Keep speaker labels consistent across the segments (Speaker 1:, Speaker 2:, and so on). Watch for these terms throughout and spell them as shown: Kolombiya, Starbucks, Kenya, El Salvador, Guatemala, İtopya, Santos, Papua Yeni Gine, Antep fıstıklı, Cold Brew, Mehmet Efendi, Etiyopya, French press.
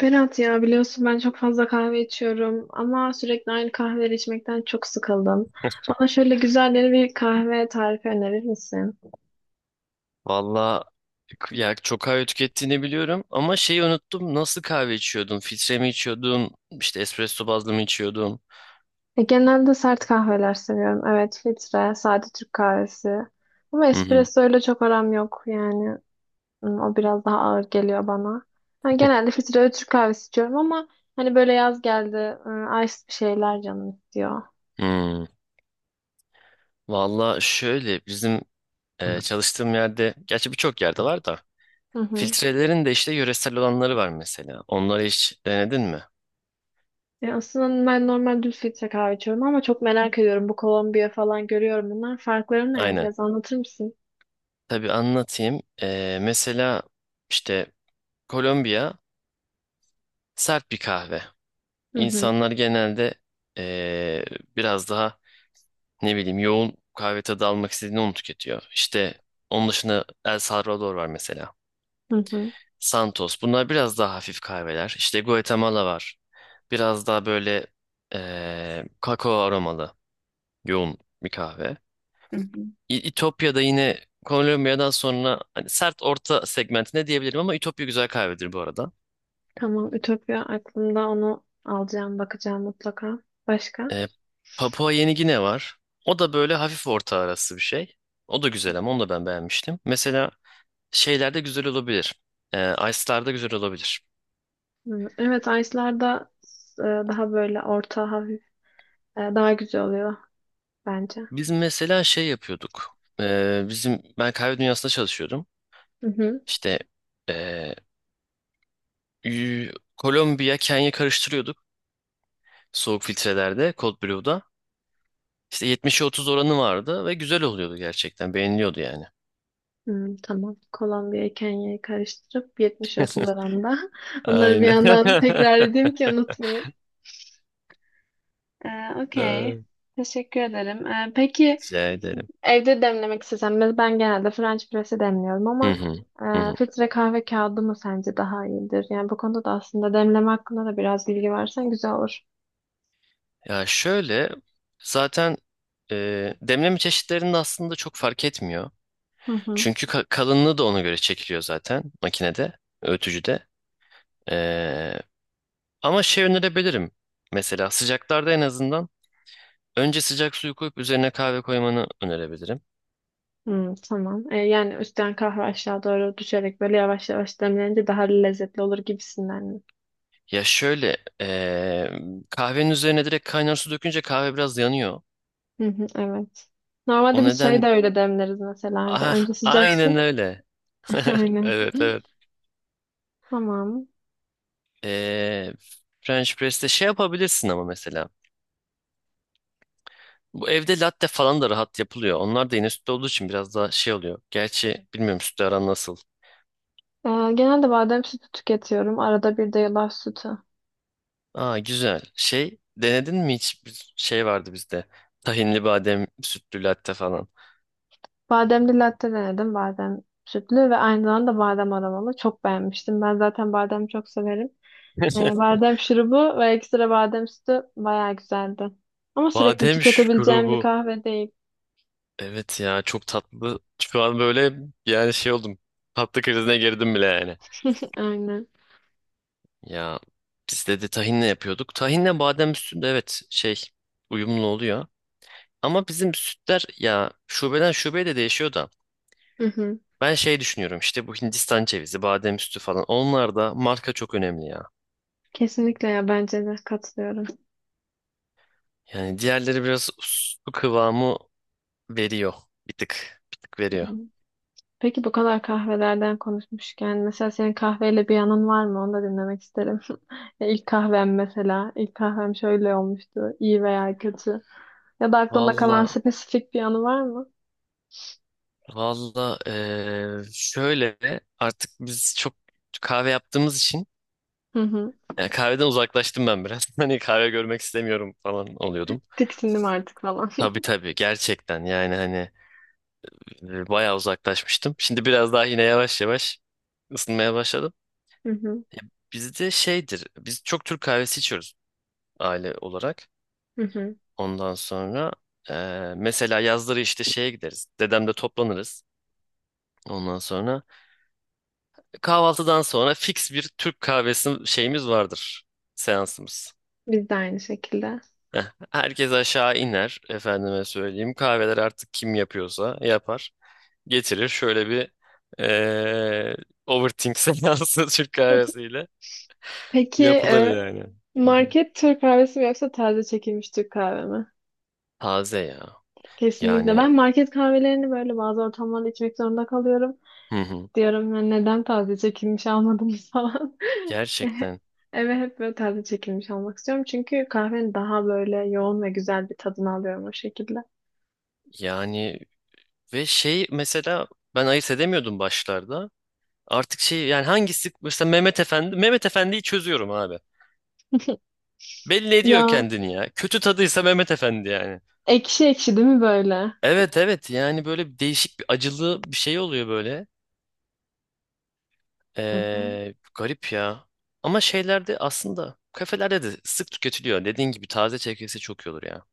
Speaker 1: Berat ya biliyorsun ben çok fazla kahve içiyorum ama sürekli aynı kahveleri içmekten çok sıkıldım. Bana şöyle güzel bir kahve tarifi önerir misin?
Speaker 2: Valla ya, çok kahve tükettiğini biliyorum ama şeyi unuttum. Nasıl kahve içiyordun? Filtre mi içiyordun? İşte espresso bazlı mı içiyordun?
Speaker 1: Genelde sert kahveler seviyorum. Evet, filtre, sade Türk kahvesi. Ama
Speaker 2: Hı hı.
Speaker 1: espresso ile çok aram yok yani. Hmm, o biraz daha ağır geliyor bana. Yani genelde filtre ve Türk kahvesi içiyorum ama hani böyle yaz geldi, ice bir şeyler canım istiyor.
Speaker 2: Hmm. Valla şöyle bizim çalıştığım yerde, gerçi birçok yerde var da,
Speaker 1: Hı hı.
Speaker 2: filtrelerin de işte yöresel olanları var mesela. Onları hiç denedin mi?
Speaker 1: Ya aslında ben normal düz filtre kahve içiyorum ama çok merak ediyorum. Bu Kolombiya falan görüyorum bunlar. Farkları ne?
Speaker 2: Aynen.
Speaker 1: Biraz anlatır mısın?
Speaker 2: Tabii anlatayım. Mesela işte Kolombiya sert bir kahve.
Speaker 1: Hı hı.
Speaker 2: İnsanlar genelde eee, biraz daha, ne bileyim, yoğun kahve tadı almak istediğini onu tüketiyor. İşte onun dışında El Salvador var mesela.
Speaker 1: Hı hı.
Speaker 2: Santos. Bunlar biraz daha hafif kahveler. İşte Guatemala var. Biraz daha böyle kakao aromalı yoğun bir kahve.
Speaker 1: Hı hı.
Speaker 2: İtopya'da yine Kolombiya'dan sonra hani sert orta segmentine diyebilirim ama İtopya güzel kahvedir bu arada.
Speaker 1: Tamam. Ütopya aklımda, onu alacağım, bakacağım mutlaka. Başka?
Speaker 2: E, Papua Yeni Gine var. O da böyle hafif orta arası bir şey. O da güzel, ama onu da ben beğenmiştim. Mesela şeylerde güzel olabilir. Ice'larda güzel olabilir.
Speaker 1: Hı. Evet, Ice'larda daha böyle orta hafif daha güzel oluyor bence.
Speaker 2: Biz mesela şey yapıyorduk. Bizim ben kahve dünyasında çalışıyordum.
Speaker 1: Hı hı.
Speaker 2: İşte e, y- Kolombiya, Kenya karıştırıyorduk soğuk filtrelerde, Cold Brew'da. İşte 70'e 30 oranı vardı ve güzel oluyordu gerçekten. Beğeniliyordu yani.
Speaker 1: Hı, tamam. Kolombiya'yı Kenya'yı karıştırıp 70-30 oranda. Onları bir
Speaker 2: Aynen.
Speaker 1: yandan tekrar edeyim ki unutmayayım. Ee, okey.
Speaker 2: Ee,
Speaker 1: Teşekkür ederim. Peki,
Speaker 2: Rica ederim.
Speaker 1: evde demlemek istesem de ben genelde French press'e demliyorum
Speaker 2: Hı
Speaker 1: ama
Speaker 2: hı. Hı hı.
Speaker 1: filtre kahve kağıdı mı sence daha iyidir? Yani bu konuda da aslında demleme hakkında da biraz bilgi versen güzel olur.
Speaker 2: Ya şöyle, zaten demleme çeşitlerinde aslında çok fark etmiyor.
Speaker 1: Hı hı.
Speaker 2: Çünkü kalınlığı da ona göre çekiliyor zaten makinede, öğütücüde. E, ama şey önerebilirim. Mesela sıcaklarda en azından önce sıcak suyu koyup üzerine kahve koymanı önerebilirim.
Speaker 1: Hmm, tamam. Yani üstten kahve aşağı doğru düşerek böyle yavaş yavaş demlenince daha lezzetli olur gibisinden mi?
Speaker 2: Ya şöyle, kahvenin üzerine direkt kaynar su dökünce kahve biraz yanıyor.
Speaker 1: Hı hı, evet.
Speaker 2: O
Speaker 1: Normalde biz çayı da
Speaker 2: neden...
Speaker 1: öyle demleriz mesela evde.
Speaker 2: Ah,
Speaker 1: Önce sıcak
Speaker 2: aynen
Speaker 1: su.
Speaker 2: öyle.
Speaker 1: Aynen.
Speaker 2: Evet, evet.
Speaker 1: Tamam.
Speaker 2: E, French press'te şey yapabilirsin ama mesela. Bu evde latte falan da rahat yapılıyor. Onlar da yine sütlü olduğu için biraz daha şey oluyor. Gerçi bilmiyorum, sütlü aran nasıl.
Speaker 1: Genelde badem sütü tüketiyorum. Arada bir de yulaf sütü.
Speaker 2: Aa, güzel. Şey denedin mi, hiç bir şey vardı bizde. Tahinli badem sütlü latte falan.
Speaker 1: Bademli latte denedim. Badem sütlü ve aynı zamanda badem aromalı. Çok beğenmiştim. Ben zaten badem çok severim. Badem şurubu ve ekstra badem sütü bayağı güzeldi. Ama sürekli
Speaker 2: Badem
Speaker 1: tüketebileceğim bir
Speaker 2: şurubu.
Speaker 1: kahve değil.
Speaker 2: Evet ya, çok tatlı. Şu an böyle, yani şey oldum. Tatlı krizine girdim bile yani.
Speaker 1: Aynen.
Speaker 2: Ya biz de, tahinle yapıyorduk. Tahinle badem üstünde, evet, şey uyumlu oluyor. Ama bizim sütler ya, şubeden şubeye de değişiyor da.
Speaker 1: Hı hı.
Speaker 2: Ben şey düşünüyorum, işte bu Hindistan cevizi, badem üstü falan, onlar da marka çok önemli ya.
Speaker 1: Kesinlikle ya, bence de katılıyorum.
Speaker 2: Yani diğerleri biraz su kıvamı veriyor. Bir tık, bir tık
Speaker 1: Hı
Speaker 2: veriyor.
Speaker 1: hı. Peki bu kadar kahvelerden konuşmuşken mesela senin kahveyle bir yanın var mı? Onu da dinlemek isterim. Ya İlk kahvem mesela. İlk kahvem şöyle olmuştu, iyi veya kötü. Ya da aklında kalan
Speaker 2: Valla,
Speaker 1: spesifik bir anı var mı?
Speaker 2: valla şöyle, artık biz çok kahve yaptığımız için
Speaker 1: Hı hı.
Speaker 2: yani kahveden uzaklaştım ben biraz. Hani kahve görmek istemiyorum falan oluyordum.
Speaker 1: Tiksindim artık falan.
Speaker 2: Tabii tabii, gerçekten yani, hani bayağı uzaklaşmıştım. Şimdi biraz daha yine yavaş yavaş ısınmaya başladım.
Speaker 1: Hı hı.
Speaker 2: Bizde şeydir, biz çok Türk kahvesi içiyoruz, aile olarak.
Speaker 1: Hı hı.
Speaker 2: Ondan sonra mesela yazları işte şeye gideriz. Dedemde toplanırız. Ondan sonra kahvaltıdan sonra fix bir Türk kahvesi şeyimiz vardır. Seansımız.
Speaker 1: Biz de aynı şekilde.
Speaker 2: Herkes aşağı iner. Efendime söyleyeyim, kahveler artık kim yapıyorsa yapar. Getirir, şöyle bir eee overthink seansı Türk kahvesiyle
Speaker 1: Peki
Speaker 2: yapılır yani. Hı hı.
Speaker 1: market Türk kahvesi mi yoksa taze çekilmiş Türk kahve mi?
Speaker 2: Taze ya. Yani,
Speaker 1: Kesinlikle. Ben market kahvelerini böyle bazı ortamlarda içmek zorunda kalıyorum.
Speaker 2: hı hı.
Speaker 1: Diyorum ya neden taze çekilmiş almadınız falan.
Speaker 2: Gerçekten
Speaker 1: Eve hep böyle taze çekilmiş almak istiyorum. Çünkü kahvenin daha böyle yoğun ve güzel bir tadını alıyorum o şekilde.
Speaker 2: yani. Ve şey mesela, ben ayırt edemiyordum başlarda. Artık şey, yani hangisi mesela Mehmet Efendi, Mehmet Efendi'yi çözüyorum abi. Belli ediyor
Speaker 1: Ya
Speaker 2: kendini ya. Kötü tadıysa Mehmet Efendi yani.
Speaker 1: ekşi ekşi değil mi böyle?
Speaker 2: Evet, evet, yani böyle bir değişik bir acılı bir şey oluyor böyle.
Speaker 1: Hı hı.
Speaker 2: Garip ya. Ama şeylerde aslında, kafelerde de sık tüketiliyor. Dediğin gibi taze çekilse çok iyi olur ya.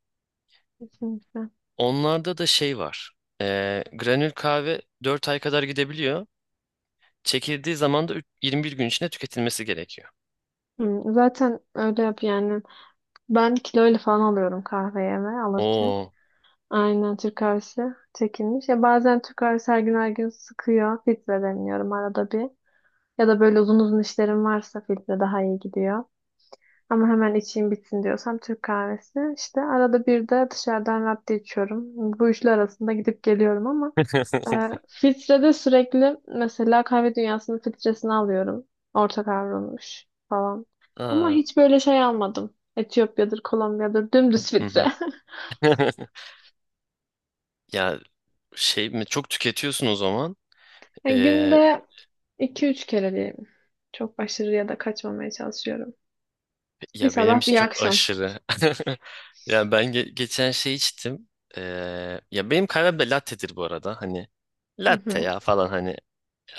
Speaker 1: Kesinlikle.
Speaker 2: Onlarda da şey var. Granül kahve 4 ay kadar gidebiliyor. Çekildiği zaman da 21 gün içinde tüketilmesi gerekiyor.
Speaker 1: Hı, zaten öyle yap yani. Ben kiloyla falan alıyorum kahveyeme alırken.
Speaker 2: Oo.
Speaker 1: Aynen Türk kahvesi çekilmiş. Ya bazen Türk kahvesi her gün her gün sıkıyor. Filtre deniyorum arada bir. Ya da böyle uzun uzun işlerim varsa filtre daha iyi gidiyor. Ama hemen içeyim bitsin diyorsam Türk kahvesi. İşte arada bir de dışarıdan latte içiyorum. Bu üçlü arasında gidip geliyorum ama filtrede sürekli mesela kahve dünyasının filtresini alıyorum. Orta kavrulmuş falan. Ama
Speaker 2: Aa.
Speaker 1: hiç böyle şey almadım. Etiyopya'dır, Kolombiya'dır dümdüz
Speaker 2: Hı hı.
Speaker 1: filtre.
Speaker 2: Ya şey mi çok tüketiyorsun o zaman?
Speaker 1: Yani
Speaker 2: Ee,
Speaker 1: günde iki üç kere diyeyim. Çok aşırıya da kaçmamaya çalışıyorum. Bir
Speaker 2: ya benim
Speaker 1: sabah
Speaker 2: için
Speaker 1: bir
Speaker 2: çok
Speaker 1: akşam.
Speaker 2: aşırı. Ya ben geçen şey içtim. Ee, ya benim kahvem de latte'dir bu arada. Hani
Speaker 1: Hı
Speaker 2: latte
Speaker 1: hı.
Speaker 2: ya falan, hani.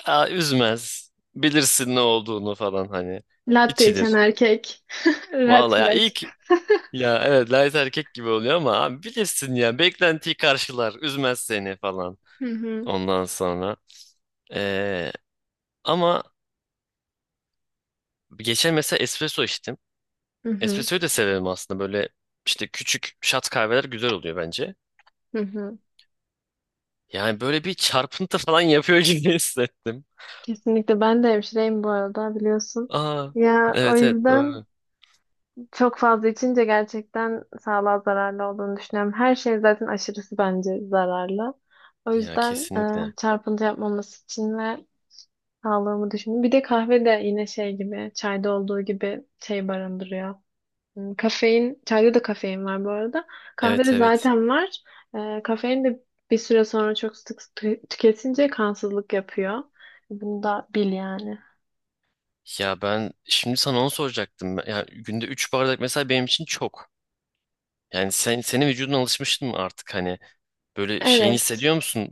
Speaker 2: Aa, üzmez. Bilirsin ne olduğunu falan hani.
Speaker 1: Latte içen
Speaker 2: İçilir.
Speaker 1: erkek. Red
Speaker 2: Vallahi ya,
Speaker 1: flag.
Speaker 2: ilk, ya, evet, light erkek gibi oluyor ama abi bilirsin ya, beklentiyi karşılar. Üzmez seni falan.
Speaker 1: Hı hı.
Speaker 2: Ondan sonra. Ee, ama geçen mesela espresso içtim.
Speaker 1: Hı hı.
Speaker 2: Espressoyu da severim aslında. Böyle işte küçük shot kahveler güzel oluyor bence.
Speaker 1: Hı hı.
Speaker 2: Yani böyle bir çarpıntı falan yapıyor gibi hissettim.
Speaker 1: Kesinlikle, ben de hemşireyim bu arada biliyorsun.
Speaker 2: Aa,
Speaker 1: Ya o
Speaker 2: evet, evet,
Speaker 1: yüzden
Speaker 2: doğru.
Speaker 1: çok fazla içince gerçekten sağlığa zararlı olduğunu düşünüyorum. Her şey zaten aşırısı bence zararlı. O
Speaker 2: Ya
Speaker 1: yüzden
Speaker 2: kesinlikle.
Speaker 1: çarpıntı yapmaması için ve sağlığımı düşünün. Bir de kahve de yine şey gibi, çayda olduğu gibi şey barındırıyor. Hmm, kafein, çayda da kafein var bu arada.
Speaker 2: Evet,
Speaker 1: Kahvede
Speaker 2: evet.
Speaker 1: zaten var. Kafein de bir süre sonra çok sık tüketince kansızlık yapıyor. Bunu da bil yani.
Speaker 2: Ya ben şimdi sana onu soracaktım. Ya günde 3 bardak mesela benim için çok. Yani senin vücudun alışmıştın mı artık hani, böyle şeyini
Speaker 1: Evet.
Speaker 2: hissediyor musun?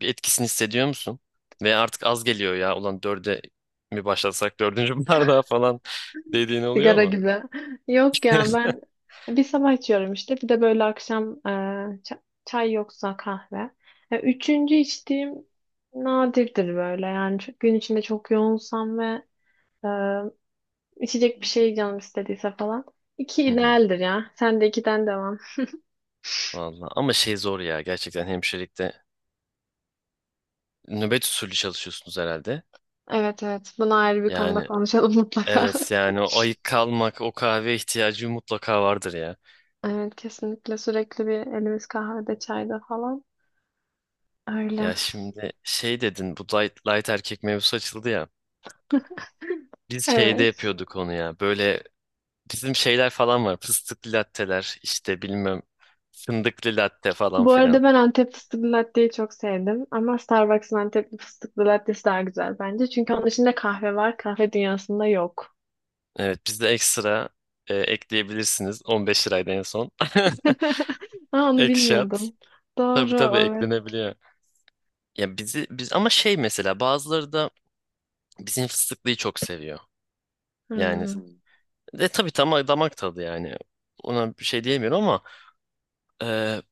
Speaker 2: Bir etkisini hissediyor musun? Ve artık az geliyor ya. Ulan, dörde mi başlasak, dördüncü bardağa falan dediğin
Speaker 1: Sigara
Speaker 2: oluyor.
Speaker 1: gibi. Yok ya,
Speaker 2: Hı
Speaker 1: ben bir sabah içiyorum işte. Bir de böyle akşam, çay yoksa kahve. Üçüncü içtiğim nadirdir böyle. Yani gün içinde çok yoğunsam ve e, içecek bir şey canım istediyse falan. İki
Speaker 2: hı.
Speaker 1: idealdir ya. Sen de ikiden devam.
Speaker 2: Vallahi, ama şey zor ya, gerçekten hemşirelikte nöbet usulü çalışıyorsunuz herhalde.
Speaker 1: Evet evet. Bunu ayrı bir konuda
Speaker 2: Yani,
Speaker 1: konuşalım mutlaka.
Speaker 2: evet yani, o ayık kalmak, o kahve ihtiyacı mutlaka vardır ya.
Speaker 1: Evet kesinlikle, sürekli bir elimiz kahvede çayda falan. Öyle.
Speaker 2: Ya şimdi şey dedin, bu light erkek mevzusu açıldı ya. Biz şeyde
Speaker 1: Evet.
Speaker 2: yapıyorduk onu ya, böyle bizim şeyler falan var, fıstıklı latteler işte, bilmem fındıklı latte falan
Speaker 1: Bu
Speaker 2: filan.
Speaker 1: arada ben Antep fıstıklı latteyi çok sevdim ama Starbucks'ın Antep fıstıklı lattesi daha güzel bence. Çünkü onun içinde kahve var, kahve dünyasında yok.
Speaker 2: Evet, bizde ekstra ekleyebilirsiniz, 15 liraydı en son.
Speaker 1: Aa, onu
Speaker 2: Ekşat,
Speaker 1: bilmiyordum.
Speaker 2: tabii
Speaker 1: Doğru,
Speaker 2: tabii
Speaker 1: evet.
Speaker 2: eklenebiliyor. Ya biz ama şey, mesela bazıları da bizim fıstıklıyı çok seviyor. Yani,
Speaker 1: Hmm.
Speaker 2: de tabii, tam damak tadı yani. Ona bir şey diyemiyorum ama e,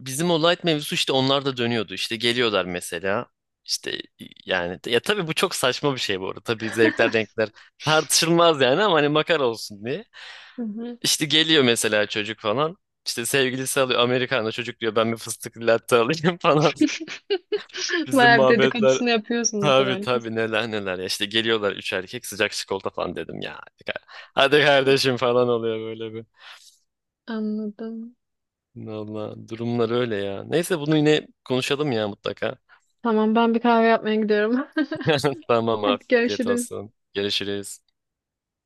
Speaker 2: bizim o light mevzusu, işte onlar da dönüyordu. İşte geliyorlar mesela. İşte yani, ya tabii bu çok saçma bir şey bu arada. Tabii zevkler renkler tartışılmaz yani, ama hani makar olsun diye.
Speaker 1: Hı hı.
Speaker 2: İşte geliyor mesela çocuk falan. İşte sevgilisi alıyor Amerikan'da, çocuk diyor, ben bir fıstıklı latte alayım falan. Bizim
Speaker 1: Bayağı bir
Speaker 2: muhabbetler.
Speaker 1: dedikodusunu yapıyorsunuzdur
Speaker 2: Tabii
Speaker 1: herkes.
Speaker 2: tabii neler neler ya, işte geliyorlar üç erkek, sıcak çikolata falan dedim ya. Hadi, hadi kardeşim falan oluyor, böyle bir.
Speaker 1: Anladım.
Speaker 2: Valla, durumlar öyle ya. Neyse, bunu yine konuşalım ya mutlaka.
Speaker 1: Tamam, ben bir kahve yapmaya gidiyorum.
Speaker 2: Tamam,
Speaker 1: Hadi
Speaker 2: afiyet
Speaker 1: görüşürüz.
Speaker 2: olsun. Görüşürüz.